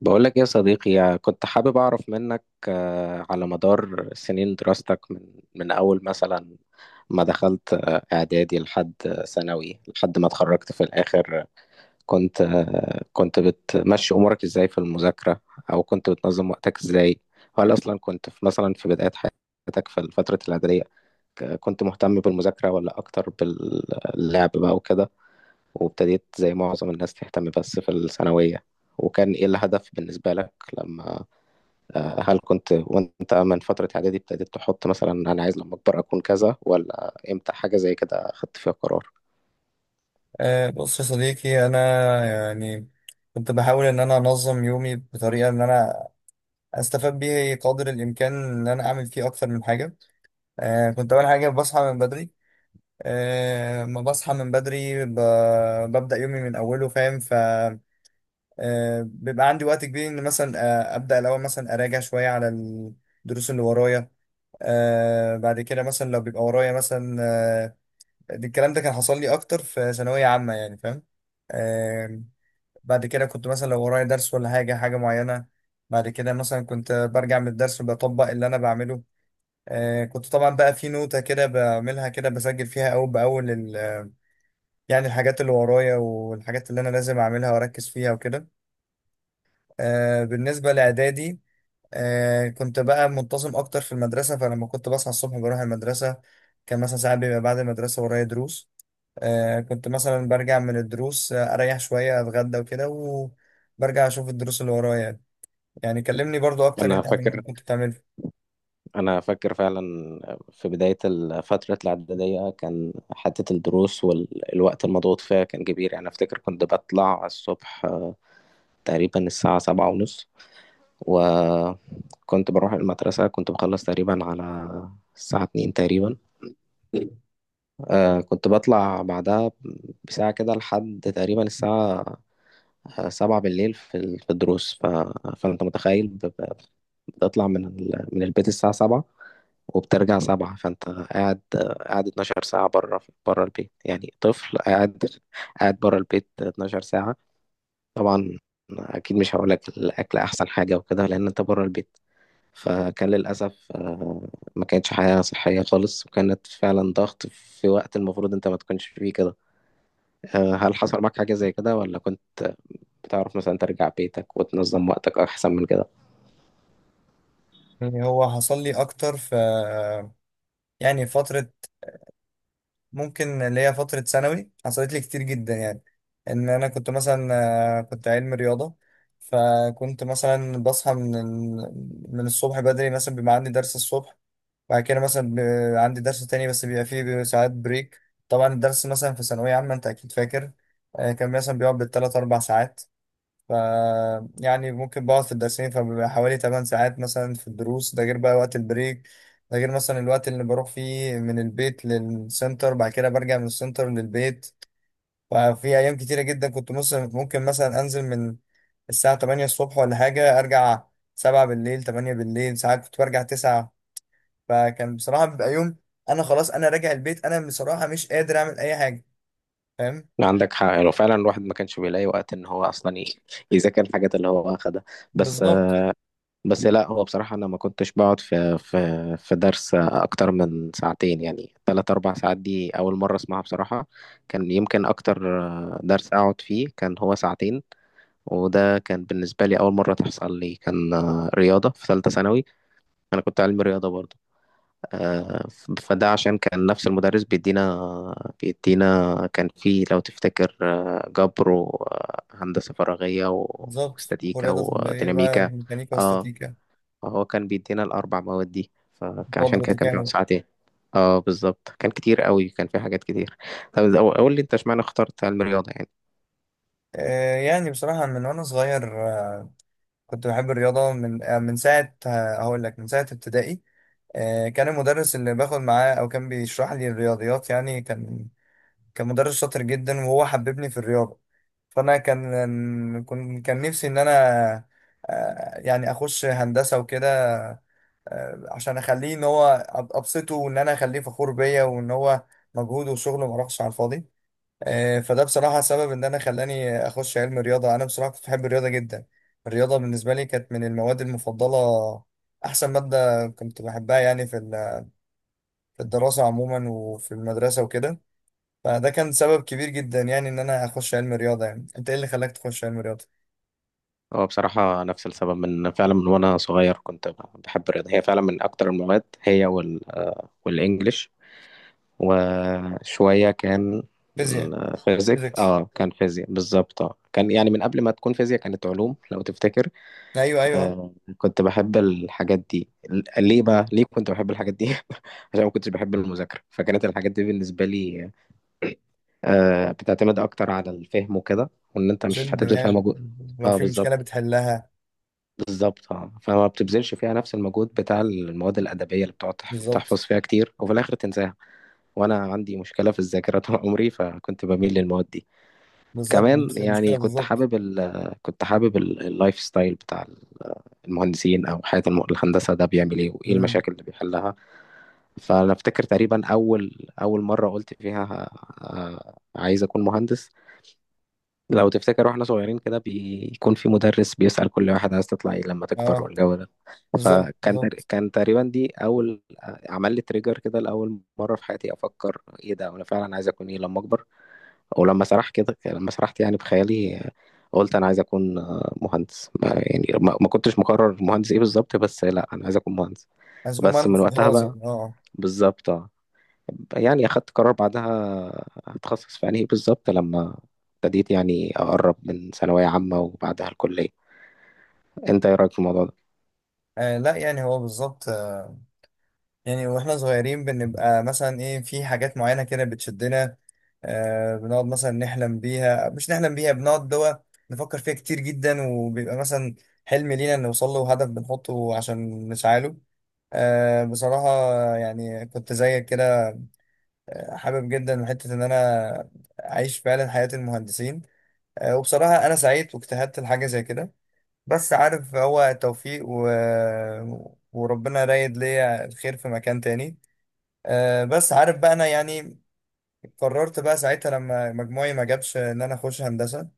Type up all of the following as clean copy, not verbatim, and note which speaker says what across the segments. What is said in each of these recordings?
Speaker 1: بقولك يا صديقي، يعني كنت حابب أعرف منك على مدار سنين دراستك، من أول مثلا ما دخلت إعدادي لحد ثانوي لحد ما اتخرجت في الآخر. كنت بتمشي أمورك إزاي في المذاكرة؟ أو كنت بتنظم وقتك إزاي؟ هل أصلا كنت مثلا في بداية حياتك في فترة الإعدادية، كنت مهتم بالمذاكرة ولا أكتر باللعب بقى وكده، وابتديت زي معظم الناس تهتم بس في الثانوية؟ وكان إيه الهدف بالنسبة لك؟ لما آه، هل كنت وأنت من فترة إعدادي ابتديت تحط مثلا أنا عايز لما أكبر أكون كذا، ولا إمتى حاجة زي كده خدت فيها قرار؟
Speaker 2: بص يا صديقي انا، يعني كنت بحاول ان انا انظم يومي بطريقه ان انا استفاد بيه قدر الامكان ان انا اعمل فيه اكتر من حاجه. كنت اول حاجه بصحى من بدري. أه ما بصحى من بدري ب... ببدا يومي من اوله، فاهم؟ ف أه بيبقى عندي وقت كبير ان مثلا ابدا الاول مثلا اراجع شويه على الدروس اللي ورايا. بعد كده مثلا لو بيبقى ورايا مثلا الكلام ده كان حصل لي اكتر في ثانويه عامه، يعني فاهم؟ آه، بعد كده كنت مثلا لو ورايا درس ولا حاجة معينة، بعد كده مثلا كنت برجع من الدرس بطبق اللي أنا بعمله. كنت طبعا بقى في نوتة كده بعملها، كده بسجل فيها أول بأول يعني الحاجات اللي ورايا والحاجات اللي أنا لازم أعملها وأركز فيها وكده. بالنسبة لإعدادي، كنت بقى منتظم أكتر في المدرسة، فلما كنت بصحى الصبح بروح المدرسة. كان مثلا ساعات بيبقى بعد المدرسة ورايا دروس. كنت مثلا برجع من الدروس، اريح شوية، اتغدى وكده، وبرجع اشوف الدروس اللي ورايا يعني. يعني كلمني برضو اكتر
Speaker 1: أنا
Speaker 2: انت عن اللي
Speaker 1: فاكر
Speaker 2: كنت بتعمله.
Speaker 1: أنا فاكر فعلا في بداية فترة الإعدادية كان حتة الدروس والوقت المضغوط فيها كان كبير، يعني أفتكر كنت بطلع الصبح تقريبا الساعة 7:30، وكنت بروح المدرسة، كنت بخلص تقريبا على الساعة 2 تقريبا. كنت بطلع بعدها بساعة كده لحد تقريبا الساعة سبعة بالليل في الدروس. فأنت متخيل بتطلع من البيت الساعة سبعة وبترجع سبعة، فأنت قاعد 12 ساعة بره البيت، يعني طفل قاعد بره البيت 12 ساعة. طبعا أكيد مش هقولك الأكل أحسن حاجة وكده، لأن أنت بره البيت. فكان للأسف ما كانتش حياة صحية خالص، وكانت فعلا ضغط في وقت المفروض أنت ما تكونش فيه كده. هل حصل معاك حاجة زي كده، ولا كنت بتعرف مثلا ترجع بيتك وتنظم وقتك أحسن من كده؟
Speaker 2: يعني هو حصل لي اكتر في يعني فترة ممكن اللي هي فترة ثانوي حصلت لي كتير جدا يعني، ان انا كنت مثلا كنت علم رياضة. فكنت مثلا بصحى من الصبح بدري، مثلا بيبقى عندي درس الصبح. بعد كده مثلا عندي درس تاني، بس بيبقى ساعات بريك. طبعا الدرس مثلا في ثانوية عامة أنت أكيد فاكر، كان مثلا بيقعد بالتلات أربع ساعات. ف يعني ممكن بقعد في الدرسين فبيبقى حوالي تمن ساعات مثلا في الدروس، ده غير بقى وقت البريك، ده غير مثلا الوقت اللي بروح فيه من البيت للسنتر بعد كده برجع من السنتر للبيت. ففي أيام كتيرة جدا كنت ممكن مثلا أنزل من الساعة 8 الصبح ولا حاجة، أرجع 7 بالليل، 8 بالليل، ساعات كنت برجع 9. فكان بصراحة بيبقى يوم أنا خلاص، أنا راجع البيت، أنا بصراحة مش قادر أعمل أي حاجة، فاهم؟
Speaker 1: لا، عندك حق، لو فعلا الواحد ما كانش بيلاقي وقت إن هو أصلا يذاكر الحاجات اللي هو أخدها. بس آه،
Speaker 2: بالظبط،
Speaker 1: بس لا، هو بصراحة أنا ما كنتش بقعد في درس أكتر من ساعتين، يعني تلات أربع ساعات دي أول مرة أسمعها بصراحة. كان يمكن أكتر درس أقعد فيه كان هو ساعتين، وده كان بالنسبة لي أول مرة تحصل لي، كان رياضة في ثالثة ثانوي. أنا كنت علمي رياضة برضه، فده عشان كان نفس المدرس بيدينا كان في، لو تفتكر، جبر وهندسة فراغية و-
Speaker 2: بالظبط.
Speaker 1: واستاتيكا
Speaker 2: ورياضة تطبيقية بقى،
Speaker 1: وديناميكا.
Speaker 2: ميكانيكا
Speaker 1: اه،
Speaker 2: واستاتيكا.
Speaker 1: هو كان بيدينا الأربع مواد دي، فعشان
Speaker 2: فضل
Speaker 1: كده كان بيقعد
Speaker 2: تكامل.
Speaker 1: ساعتين. اه، بالظبط، كان كتير قوي، كان في حاجات كتير. طب قول لي انت، اشمعنى اخترت علم الرياضة يعني؟
Speaker 2: يعني بصراحة من وأنا صغير كنت بحب الرياضة من من ساعة، هقول لك من ساعة ابتدائي. كان المدرس اللي باخد معاه او كان بيشرح لي الرياضيات، يعني كان كان مدرس شاطر جدا وهو حببني في الرياضه. فانا كان كنت كان نفسي ان انا، يعني اخش هندسه وكده، عشان اخليه ان هو ابسطه وان انا اخليه فخور بيا وان هو مجهوده وشغله ما راحش على الفاضي. فده بصراحه سبب ان انا خلاني اخش علم رياضه. انا بصراحه كنت بحب الرياضه جدا، الرياضه بالنسبه لي كانت من المواد المفضله، احسن ماده كنت بحبها يعني في في الدراسه عموما وفي المدرسه وكده. فده كان سبب كبير جدا يعني ان انا اخش علم رياضه. يعني انت ايه اللي خلاك تخش علم رياضه؟
Speaker 1: اه، بصراحة نفس السبب، من فعلا من وانا صغير كنت بحب الرياضة، هي فعلا من اكتر المواد، هي وال والانجليش، وشوية كان
Speaker 2: فيزياء.
Speaker 1: فيزيك.
Speaker 2: فيزيكس.
Speaker 1: اه، كان فيزياء بالظبط. اه، كان يعني من قبل ما تكون فيزياء كانت علوم لو تفتكر.
Speaker 2: ايوه، ايوه.
Speaker 1: كنت بحب الحاجات دي، ليه بقى ليه كنت بحب الحاجات دي؟ عشان ما كنتش بحب المذاكرة، فكانت الحاجات دي بالنسبة لي بتعتمد اكتر على الفهم وكده، وان انت
Speaker 2: شيل
Speaker 1: مش هتبذل فيها
Speaker 2: الدماغ،
Speaker 1: مجهود.
Speaker 2: لو
Speaker 1: اه،
Speaker 2: في مشكله
Speaker 1: بالظبط،
Speaker 2: بتحلها.
Speaker 1: بالظبط. اه، فما بتبذلش فيها نفس المجهود بتاع المواد الأدبية، اللي بتقعد تحفظ
Speaker 2: بالظبط،
Speaker 1: فيها كتير وفي الآخر تنساها. وأنا عندي مشكلة في الذاكرة طول عمري، فكنت بميل للمواد دي.
Speaker 2: بالظبط،
Speaker 1: كمان
Speaker 2: نفس
Speaker 1: يعني
Speaker 2: المشكلة
Speaker 1: كنت
Speaker 2: بالظبط.
Speaker 1: حابب ال كنت حابب ال- اللايف ستايل بتاع المهندسين، أو حياة الهندسة، ده بيعمل إيه، وإيه
Speaker 2: مم.
Speaker 1: المشاكل اللي بيحلها. فأنا أفتكر تقريبا أول مرة قلت فيها عايز أكون مهندس، لو تفتكر واحنا صغيرين كده بيكون في مدرس بيسأل كل واحد، عايز تطلع ايه لما تكبر،
Speaker 2: اه،
Speaker 1: والجو ده.
Speaker 2: بالظبط
Speaker 1: فكان
Speaker 2: بالظبط.
Speaker 1: كان تقريبا دي اول عمل لي تريجر كده، لاول مره في حياتي افكر ايه ده، انا فعلا عايز اكون ايه لما اكبر. ولما سرح كده لما سرحت يعني بخيالي، قلت انا عايز اكون مهندس، ما يعني ما كنتش مقرر مهندس ايه بالظبط، بس لا، انا عايز اكون مهندس.
Speaker 2: عايز يكون
Speaker 1: بس
Speaker 2: معانا
Speaker 1: من وقتها
Speaker 2: خلاص
Speaker 1: بقى،
Speaker 2: يعني، اه.
Speaker 1: بالظبط. يعني أخدت قرار بعدها هتخصص في أنهي بالظبط، لما ابتديت يعني أقرب من ثانوية عامة وبعدها الكلية. أنت إيه رأيك في الموضوع ده؟
Speaker 2: لا يعني هو بالظبط. يعني واحنا صغيرين بنبقى مثلا ايه، في حاجات معينة كده بتشدنا، بنقعد مثلا نحلم بيها، مش نحلم بيها، بنقعد دوا نفكر فيها كتير جدا، وبيبقى مثلا حلم لينا نوصل له وهدف بنحطه عشان نسعاله. بصراحة يعني كنت زيك كده، حابب جدا حتة ان انا اعيش فعلا حياة المهندسين. وبصراحة أنا سعيد واجتهدت لحاجة زي كده، بس عارف هو توفيق وربنا رايد ليا الخير في مكان تاني. بس عارف بقى أنا يعني قررت بقى ساعتها لما مجموعي ما جابش إن أنا أخش هندسة.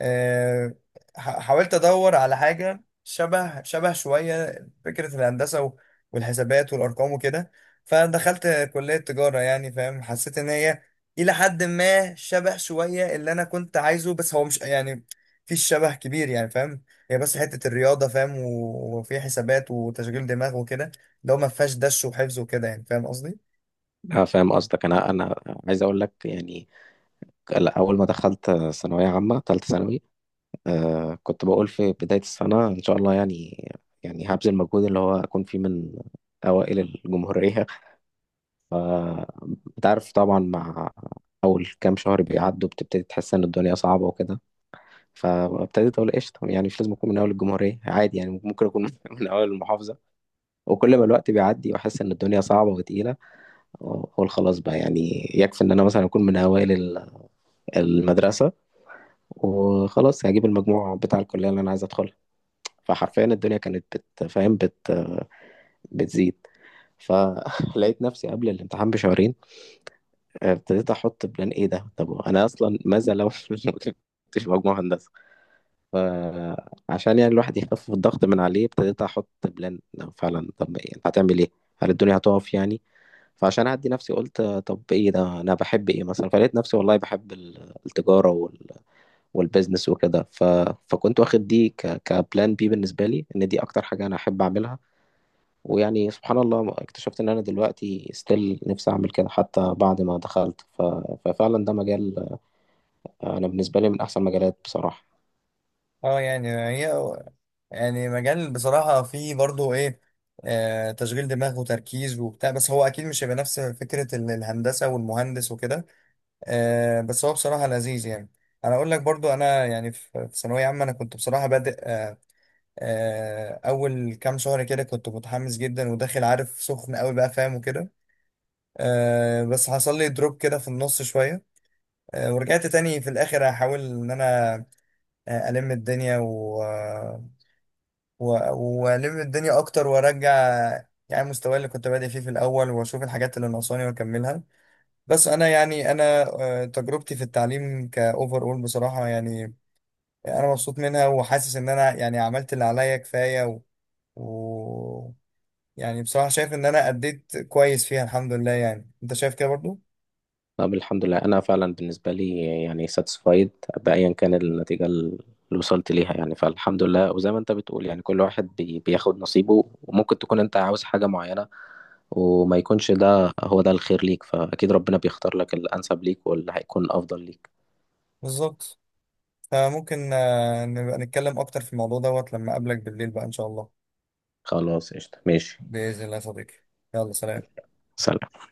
Speaker 2: آه، حاولت ادور على حاجه شبه شويه فكره الهندسه والحسابات والارقام وكده، فدخلت كليه تجاره يعني، فاهم؟ حسيت ان هي الى حد ما شبه شويه اللي انا كنت عايزه، بس هو مش يعني في شبه كبير يعني فاهم. هي بس حته الرياضه فاهم، وفي حسابات وتشغيل دماغ وكده، لو ما فيهاش دش وحفظ وكده يعني، فاهم قصدي؟
Speaker 1: أنا فاهم قصدك. أنا عايز أقول لك يعني، لا، أول ما دخلت ثانوية عامة تالتة ثانوي كنت بقول في بداية السنة إن شاء الله يعني هبذل مجهود اللي هو أكون فيه من أوائل الجمهورية. فأنت عارف طبعا، مع أول كام شهر بيعدوا بتبتدي تحس إن الدنيا صعبة وكده، فابتديت اقول قشطه، يعني مش لازم اكون من اول الجمهوريه، عادي يعني، ممكن اكون من اول المحافظه. وكل ما الوقت بيعدي واحس ان الدنيا صعبه وتقيله، اقول خلاص بقى، يعني يكفي ان انا مثلا اكون من اوائل المدرسه، وخلاص هجيب المجموع بتاع الكليه اللي انا عايز ادخلها. فحرفيا الدنيا كانت بتفهم بت بتزيد، فلقيت نفسي قبل الامتحان بشهرين ابتديت احط بلان، ايه ده، طب انا اصلا ماذا لو ما كنتش مجموع هندسه؟ فعشان يعني الواحد يخفف الضغط من عليه، ابتديت احط بلان لو فعلا، طب إيه هتعمل ايه، هل الدنيا هتقف يعني؟ فعشان اهدي نفسي، قلت طب ايه ده، انا بحب ايه مثلا؟ فلقيت نفسي والله بحب التجاره والبيزنس وكده. فكنت واخد دي كبلان بالنسبه لي، ان دي اكتر حاجه انا احب اعملها. ويعني سبحان الله اكتشفت ان انا دلوقتي ستيل نفسي اعمل كده حتى بعد ما دخلت. ففعلا ده مجال، انا بالنسبه لي من احسن مجالات بصراحه.
Speaker 2: اه يعني هي يعني مجال بصراحة فيه برضو ايه، تشغيل دماغ وتركيز وبتاع، بس هو اكيد مش هيبقى نفس فكرة الهندسة والمهندس وكده. بس هو بصراحة لذيذ يعني. انا اقول لك برضو، انا يعني في ثانوية عامة انا كنت بصراحة بادئ، اول كام شهر كده كنت متحمس جدا وداخل عارف سخن قوي بقى فاهم وكده. بس حصل لي دروب كده في النص شوية. ورجعت تاني في الاخر احاول ان انا، الم الدنيا والم الدنيا اكتر وارجع يعني مستواي اللي كنت بادئ فيه في الاول واشوف الحاجات اللي ناقصاني واكملها. بس انا يعني انا تجربتي في التعليم كاوفر اول بصراحه يعني انا مبسوط منها وحاسس ان انا يعني عملت اللي عليا كفايه و... يعني بصراحه شايف ان انا اديت كويس فيها الحمد لله. يعني انت شايف كده برضو؟
Speaker 1: طب الحمد لله، انا فعلا بالنسبه لي يعني ساتسفايد بايا كان النتيجه اللي وصلت ليها يعني. فالحمد لله، وزي ما انت بتقول يعني كل واحد بياخد نصيبه، وممكن تكون انت عاوز حاجه معينه وما يكونش ده هو ده الخير ليك، فاكيد ربنا بيختار لك الانسب ليك واللي هيكون افضل ليك.
Speaker 2: بالظبط. فممكن نبقى نتكلم اكتر في الموضوع دوت لما اقابلك بالليل بقى ان شاء الله.
Speaker 1: خلاص قشطه، ماشي.
Speaker 2: باذن الله يا صديقي. يلا سلام.
Speaker 1: سلام.